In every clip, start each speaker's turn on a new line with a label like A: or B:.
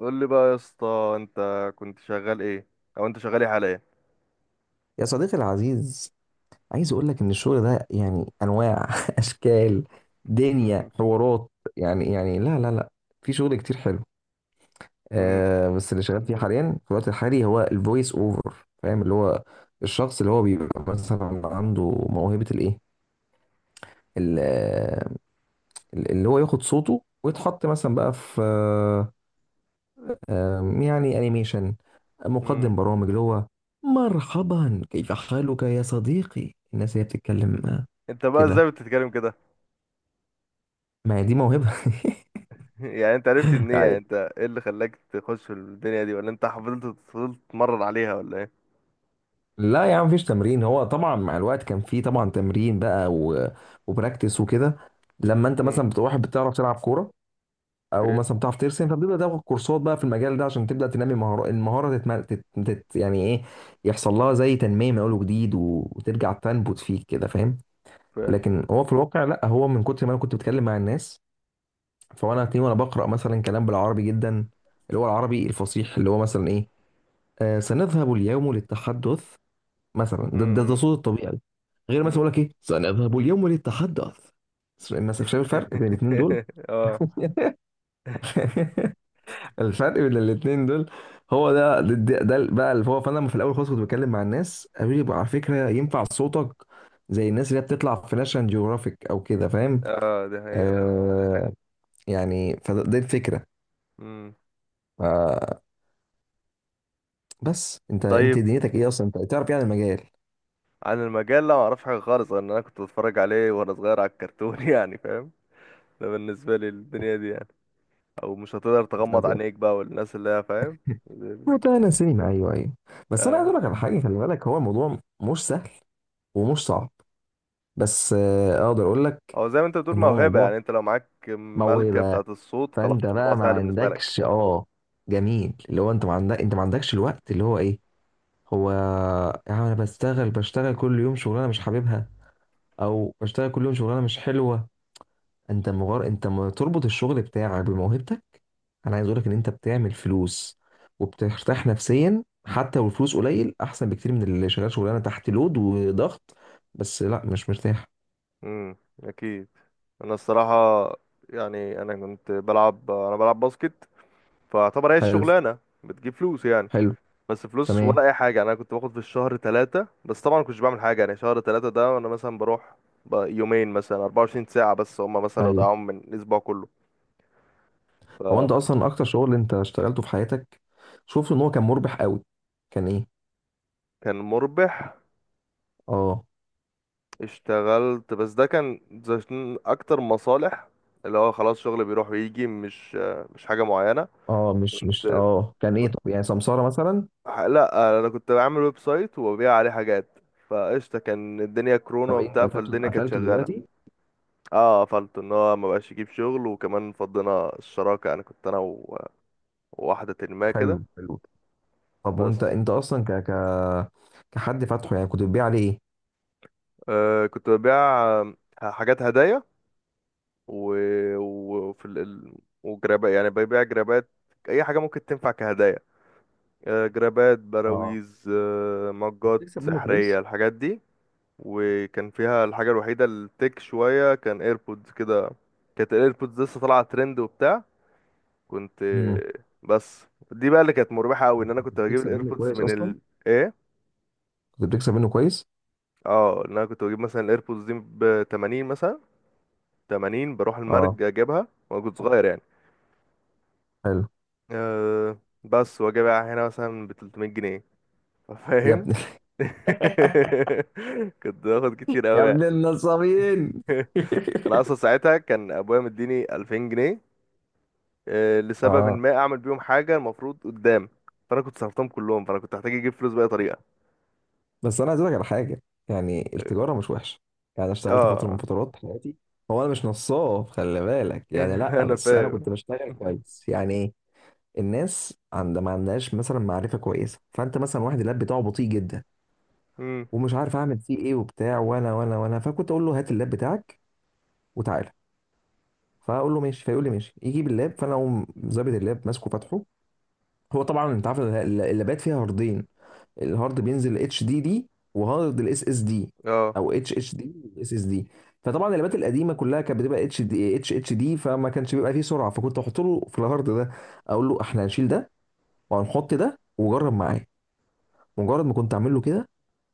A: قول لي بقى يا اسطى، انت كنت شغال ايه؟ او انت شغال ايه حاليا؟
B: يا صديقي العزيز، عايز اقول لك ان الشغل ده انواع اشكال، دنيا حوارات. لا في شغل كتير حلو.
A: امم
B: آه، بس اللي شغال فيه حاليا في الوقت الحالي هو الفويس اوفر، فاهم؟ اللي هو الشخص اللي هو بيبقى مثلا عنده موهبة الايه، ال- آه، اللي هو ياخد صوته ويتحط مثلا بقى في يعني انيميشن،
A: امم
B: مقدم برامج. اللي هو مرحبا كيف حالك يا صديقي، الناس هي بتتكلم
A: انت بقى
B: كده.
A: ازاي بتتكلم كده؟
B: ما هي دي موهبة.
A: يعني انت عرفت منين؟ يعني
B: يعني،
A: انت ايه اللي خلاك تخش في الدنيا دي ولا انت فضلت تتمرن عليها ولا ايه؟
B: لا يا عم، مفيش تمرين. هو طبعا مع الوقت كان فيه طبعا تمرين بقى وبراكتس وكده. لما انت
A: امم
B: مثلا بتبقى واحد بتعرف تلعب كورة او
A: اوكي.
B: مثلا بتعرف ترسم، فبتبدا تاخد كورسات بقى في المجال ده عشان تبدا تنمي مهارة. المهارة يعني ايه، يحصل لها زي تنمية من اول وجديد وترجع تنبت فيك كده، فاهم؟
A: فاهم.
B: لكن هو في الواقع لا، هو من كتر ما انا كنت بتكلم مع الناس، فانا هتلاقيني وانا بقرا مثلا كلام بالعربي جدا، اللي هو العربي الفصيح، اللي هو مثلا ايه، سنذهب اليوم للتحدث. مثلا ده
A: امم
B: صوت الطبيعي، غير مثلا
A: امم
B: يقول لك ايه، سنذهب اليوم للتحدث مثلا. شايف الفرق بين الاثنين دول؟
A: اه،
B: الفرق بين الاثنين دول هو ده بقى. اللي هو فانا في الاول خالص كنت بتكلم مع الناس، قالوا لي بقى على فكره ينفع صوتك زي الناس اللي هي بتطلع في ناشونال جيوغرافيك او كده، فاهم؟
A: اه، دي حقيقة طبعا.
B: آه، يعني دي الفكره.
A: امم
B: آه، بس انت
A: طيب.
B: دنيتك ايه اصلا، انت تعرف يعني المجال؟
A: عن المجال، لا ما اعرفش حاجة خالص، غير ان انا كنت بتفرج عليه وانا صغير على الكرتون يعني فاهم. ده بالنسبة لي الدنيا دي يعني، او مش هتقدر
B: انت
A: تغمض
B: هت-
A: عينيك بقى والناس اللي هي، فاهم.
B: هتلاقي انا سينما، ايوه ايوه. بس انا عايز
A: آه.
B: اقول لك على حاجه، خلي بالك هو الموضوع مش سهل ومش صعب، بس اقدر اقول لك
A: او زي ما انت بتقول
B: ان هو
A: موهبة،
B: موضوع
A: يعني انت لو معاك ملكة
B: موهبه.
A: بتاعة الصوت خلاص
B: فانت
A: الموضوع
B: بقى ما
A: سهل بالنسبة لك.
B: عندكش اه، جميل اللي هو انت ما عندك ما عندكش الوقت اللي هو ايه. هو يعني انا بشتغل كل يوم شغلانه مش حاببها او بشتغل كل يوم شغلانه مش حلوه. انت مغار، انت ما تربط الشغل بتاعك بموهبتك. انا عايز اقول لك ان انت بتعمل فلوس وبترتاح نفسيا، حتى لو الفلوس قليل احسن بكتير من اللي شغال شغلانه تحت لود وضغط، بس لا مش مرتاح.
A: امم اكيد. انا الصراحة، يعني انا بلعب باسكت، فاعتبر هي
B: حلو
A: الشغلانة بتجيب فلوس يعني.
B: حلو.
A: بس فلوس
B: تمام.
A: ولا اي حاجة، انا كنت باخد في الشهر ثلاثة، بس طبعا كنتش بعمل حاجة يعني، شهر ثلاثة ده انا مثلا بروح يومين، مثلا 24 ساعة بس، هما مثلا لو
B: ايوه.
A: ضيعوهم من الاسبوع كله
B: هو
A: فكان
B: انت اصلا اكتر شغل انت اشتغلته في حياتك، شفت ان هو كان مربح قوي، كان ايه؟
A: مربح.
B: اه.
A: اشتغلت، بس ده كان عشان اكتر مصالح اللي هو خلاص، شغل بيروح ويجي، مش حاجة معينة.
B: اه مش مش
A: كنت
B: اه كان ايه،
A: كنت
B: طب يعني سمسارة مثلا؟
A: لا، انا كنت بعمل ويب سايت وببيع عليه حاجات، فقشطة، كان الدنيا كورونا
B: طب إيه، انت
A: وبتاع،
B: قفلته
A: فالدنيا كانت
B: قفلته
A: شغالة.
B: دلوقتي؟
A: اه قفلت، ان هو ما بقاش يجيب شغل، وكمان فضينا الشراكة، يعني كنت انا وواحدة ما كده.
B: حلو حلو. طب
A: بس
B: وانت اصلا ك ك كحد فاتحه، يعني كنت بتبيع عليه ايه؟
A: كنت ببيع حاجات هدايا و... وفي ال... ال- وجرابات، يعني ببيع جرابات، اي حاجة ممكن تنفع كهدايا، جرابات،
B: اه.
A: براويز،
B: كنت
A: مجات
B: بتكسب منه
A: سحرية،
B: كويس.
A: الحاجات دي. وكان فيها الحاجة الوحيدة التك شوية كان ايربودز كده. كانت الايربودز لسه طالعة ترند وبتاع. كنت
B: امم.
A: بس دي بقى اللي كانت مربحة قوي، ان انا
B: كنت
A: كنت بجيب
B: بتكسب منه
A: الايربودز
B: كويس
A: من
B: اصلا.
A: ال، ايه،
B: كنت بتكسب منه كويس.
A: اه، ان انا كنت بجيب مثلا الايربودز دي ب 80 مثلا، 80 بروح
B: اه،
A: المرج اجيبها، وانا كنت صغير يعني.
B: حلو.
A: أه. بس واجي بقى هنا مثلا ب 300 جنيه،
B: يا
A: فاهم؟
B: ابن،
A: كنت باخد كتير
B: يا
A: قوي.
B: ابن النصابين.
A: انا اصلا ساعتها كان ابويا مديني 2000 جنيه، لسبب إن
B: اه،
A: ما اعمل بيهم حاجه المفروض قدام. فانا كنت صرفتهم كلهم، فانا كنت هحتاج اجيب فلوس باي طريقه.
B: بس انا عايز اقول لك على حاجه، يعني التجاره مش وحشه، يعني انا اشتغلت فتره من
A: اه.
B: فترات حياتي. هو انا مش نصاب خلي بالك يعني، لا،
A: انا
B: بس انا
A: فاهم.
B: كنت بشتغل كويس يعني. الناس عند ما عندهاش مثلا معرفه كويسه، فانت مثلا واحد اللاب بتاعه بطيء جدا
A: امم
B: ومش عارف اعمل فيه ايه وبتاع، وانا وانا وانا فكنت اقول له هات اللاب بتاعك وتعالى. فاقول له ماشي، فيقول لي ماشي، يجيب اللاب، فانا اقوم ظابط اللاب ماسكه فاتحه. هو طبعا انت عارف إن اللابات فيها هاردين، الهارد بينزل اتش دي دي وهارد الاس اس دي،
A: اه.
B: او اتش اتش دي والاس اس دي. فطبعا اللابات القديمه كلها كانت بتبقى اتش اتش دي، فما كانش بيبقى فيه سرعه، فكنت احط له في الهارد ده، اقول له احنا هنشيل ده وهنحط ده وجرب معاه. مجرد ما كنت اعمل له كده،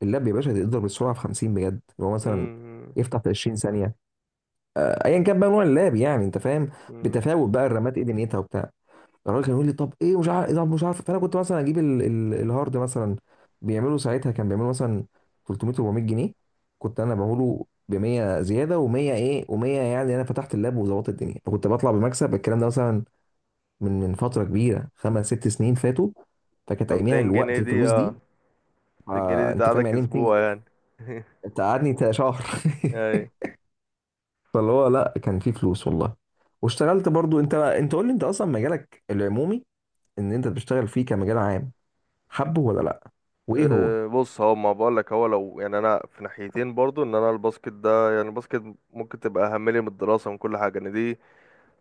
B: اللاب يا باشا تقدر بالسرعه في 50 بجد، اللي هو مثلا
A: امم
B: يفتح في 20 ثانيه، ايا كان بقى نوع اللاب، يعني انت فاهم؟
A: امم
B: بتفاوت بقى الرامات ايه دنيتها وبتاع. الراجل كان يقول لي طب ايه مش عارف إيه، طب مش عارف، فانا كنت مثلا اجيب الهارد. مثلا بيعملوا ساعتها كان بيعملوا مثلا 300 400 جنيه، كنت انا بقوله ب 100 زياده و100 ايه و100، يعني انا فتحت اللاب وظبطت الدنيا، فكنت بطلع بمكسب. الكلام ده مثلا من من فتره كبيره، 5 6 سنين فاتوا،
A: ف
B: فكانت اياميها
A: 200
B: الوقت
A: جنيه دي؟
B: الفلوس
A: اه،
B: دي.
A: 200 جنيه
B: آه،
A: دي
B: انت فاهم
A: تقعدك
B: يعني إيه 200
A: اسبوع
B: جنيه
A: يعني.
B: انت قعدني شهر.
A: اي.
B: فاللي هو لا، كان في فلوس والله. واشتغلت برضو. انت قول لي انت اصلا مجالك العمومي ان انت بتشتغل فيه كمجال عام، حبه ولا لا؟ وايه هو؟
A: أه بص، هو ما بقول لك، هو لو يعني، انا في ناحيتين برضو، ان انا الباسكت ده، يعني الباسكت ممكن تبقى اهم لي من الدراسه ومن كل حاجه، ان دي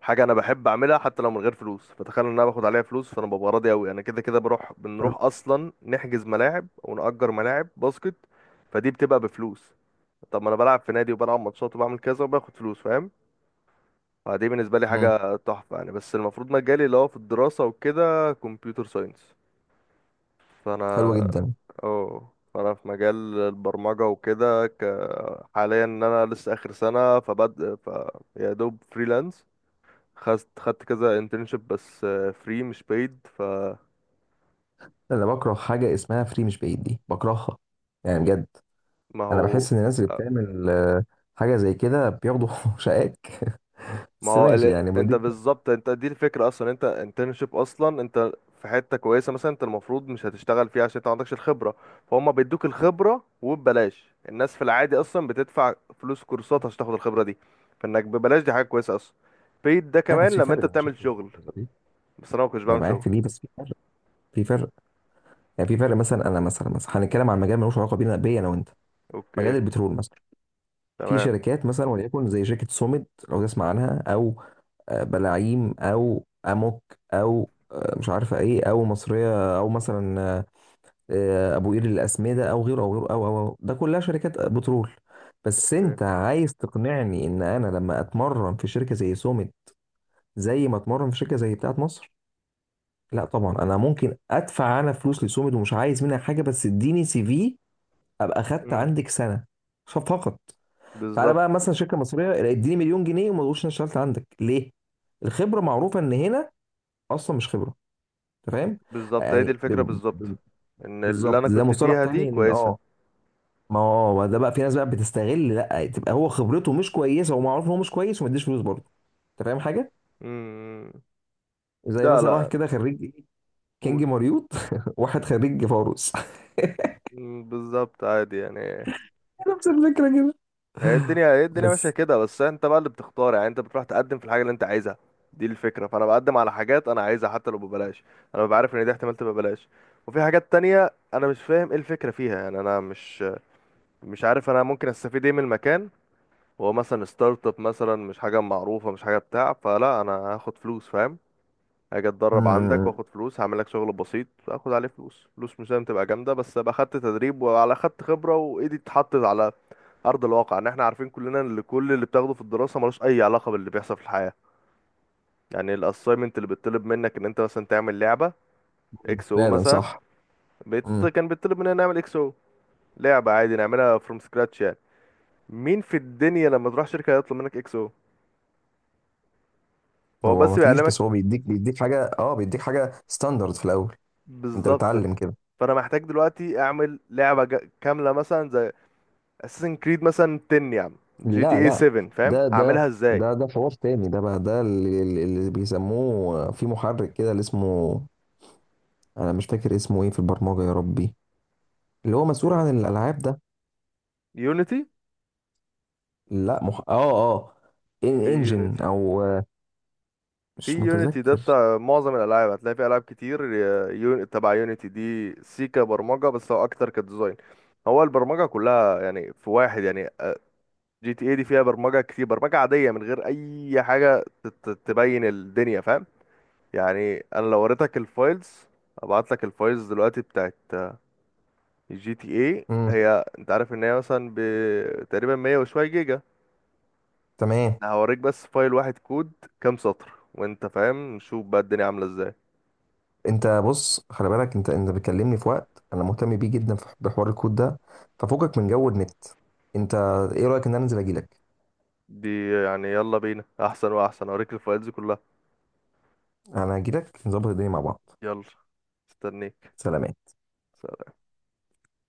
A: حاجه انا بحب اعملها حتى لو من غير فلوس، فتخيل ان انا باخد عليها فلوس، فانا ببقى راضي قوي. انا كده كده بروح،
B: حلو.
A: بنروح اصلا نحجز ملاعب ونأجر ملاعب باسكت، فدي بتبقى بفلوس. طب ما انا بلعب في نادي وبلعب ماتشات وبعمل كذا وباخد فلوس، فاهم؟ فدي بالنسبه لي
B: مم.
A: حاجه تحفه يعني. بس المفروض مجالي اللي هو في الدراسه وكده كمبيوتر ساينس. فانا
B: حلوة جدا.
A: اه فانا في مجال البرمجه وكده حاليا ان انا لسه اخر سنه فبد ف يا دوب فريلانس. خدت كذا انترنشيب، بس فري مش paid فما
B: انا بكره حاجه اسمها فري مش بعيد، دي بكرهها يعني، بجد. انا
A: هو.
B: بحس ان الناس اللي بتعمل حاجه زي كده بياخدوا شقاك.
A: ما
B: بس
A: هو
B: ماشي، يعني
A: انت
B: بيديك.
A: بالظبط، انت دي الفكرة اصلا، انت انترنشيب اصلا، انت في حتة كويسة مثلا، انت المفروض مش هتشتغل فيها عشان انت ما عندكش الخبرة، فهم بيدوك الخبرة وببلاش. الناس في العادي اصلا بتدفع فلوس كورسات عشان تاخد الخبرة دي، فانك ببلاش دي حاجة كويسة اصلا. paid ده
B: لا، بس
A: كمان
B: في
A: لما انت
B: فرق انا شفت.
A: بتعمل شغل، بس انا ما كنتش
B: انا
A: بعمل
B: معاك
A: شغل.
B: في دي، بس في فرق، في فرق. يعني في فرق، مثلا انا مثلا هنتكلم عن مجال ملوش علاقه بينا، بيا انا وانت،
A: اوكي.
B: مجال البترول مثلا. في
A: تمام.
B: شركات مثلا وليكن زي شركه سوميد لو تسمع عنها، او بلاعيم او اموك، او مش عارفه ايه، او مصريه، او مثلا ابو قير للاسمده، او غيره او غيره او ده كلها شركات بترول. بس
A: اوكي.
B: انت عايز تقنعني ان انا لما اتمرن في شركه زي سوميد زي ما اتمرن في شركه زي بتاعت مصر؟ لا طبعا، انا ممكن ادفع انا فلوس لسوميد ومش عايز منها حاجه، بس اديني سي في ابقى خدت
A: امم
B: عندك سنه فقط. تعالى بقى
A: بالظبط.
B: مثلا شركه مصريه اديني مليون جنيه وما تقولش انا اشتغلت عندك ليه. الخبره معروفه ان هنا اصلا مش خبره، انت فاهم
A: هي دي
B: يعني.
A: الفكرة بالظبط، ان اللي انا
B: بالظبط، ده
A: كنت
B: مصطلح
A: فيها دي
B: تاني، ان
A: كويسة.
B: اه، ما هو ده بقى في ناس بقى بتستغل، لا تبقى هو خبرته مش كويسه ومعروف ان هو مش كويس وما يديش فلوس برضه. انت فاهم حاجه،
A: امم
B: زي
A: لا،
B: مثلا واحد
A: لا،
B: كده خريج كينج
A: قول.
B: مريوط، واحد خريج فاروس.
A: مم، بالظبط، عادي يعني.
B: نفس الفكره كده
A: هي الدنيا ماشية
B: بس.
A: كده، بس انت بقى اللي بتختار، يعني انت بتروح تقدم في الحاجة اللي انت عايزها، دي الفكرة. فانا بقدم على حاجات انا عايزها حتى لو ببلاش، انا ببقى عارف ان دي احتمال تبقى ببلاش. وفي حاجات تانية انا مش فاهم ايه الفكرة فيها، يعني انا مش عارف انا ممكن استفيد ايه من المكان. هو مثلا ستارت اب مثلا مش حاجة معروفة، مش حاجة بتاع، فلا انا هاخد فلوس، فاهم؟ هاجي اتدرب عندك
B: مم.
A: واخد فلوس، هعمل لك شغل بسيط اخد عليه فلوس، فلوس مش لازم تبقى جامده، بس ابقى خدت تدريب وعلى خدت خبره وايدي اتحطت على ارض الواقع، ان احنا عارفين كلنا ان كل اللي بتاخده في الدراسه ملوش اي علاقه باللي بيحصل في الحياه. يعني الاساينمنت اللي بيطلب منك ان انت مثلا تعمل لعبه اكس او
B: فعلا
A: مثلا،
B: صح. مم.
A: كان بيطلب مننا نعمل اكس او، لعبه عادي نعملها فروم سكراتش يعني. مين في الدنيا لما تروح شركه يطلب منك اكس او؟ هو
B: هو ما
A: بس
B: فيش،
A: بيعلمك.
B: بس هو بيديك حاجه اه، بيديك حاجه ستاندرد في الاول، انت
A: بالظبط.
B: بتعلم كده.
A: فانا محتاج دلوقتي اعمل لعبه كامله، مثلا اساسن كريد مثلا 10، يا عم جي
B: لا
A: تي اي
B: لا،
A: 7، فاهم
B: ده ده
A: هعملها ازاي؟
B: ده حوار تاني ده بقى، ده اللي بيسموه في محرك كده اللي اسمه، انا مش فاكر اسمه ايه في البرمجة يا ربي، اللي هو مسؤول عن الالعاب ده.
A: يونيتي.
B: لا مح... اه اه ان
A: في
B: انجن
A: يونيتي
B: او
A: في
B: مش
A: يونيتي ده
B: متذكر.
A: بتاع معظم الالعاب، هتلاقي في العاب كتير، تبع يونيتي دي سي كبرمجه، بس هو اكتر كديزاين. هو البرمجه كلها يعني، في واحد يعني جي تي اي دي فيها برمجه كتير، برمجه عاديه من غير اي حاجه تبين الدنيا، فاهم؟ يعني انا لو وريتك الفايلز، ابعت لك الفايلز دلوقتي بتاعت جي تي اي،
B: امم.
A: هي انت عارف ان هي مثلا تقريبا 100 وشويه جيجا.
B: تمام.
A: هوريك بس فايل واحد كود، كام سطر، وانت فاهم نشوف بقى الدنيا عاملة ازاي.
B: انت بص خلي بالك، انت بتكلمني في وقت انا مهتم بيه جدا في بحوار الكود ده، ففوقك من جو النت انت. ايه رايك ان انا انزل اجيلك؟
A: دي يعني يلا بينا، احسن واحسن هوريك الفايلز كلها.
B: انا اجيلك نظبط الدنيا مع بعض.
A: يلا. استنيك.
B: سلام.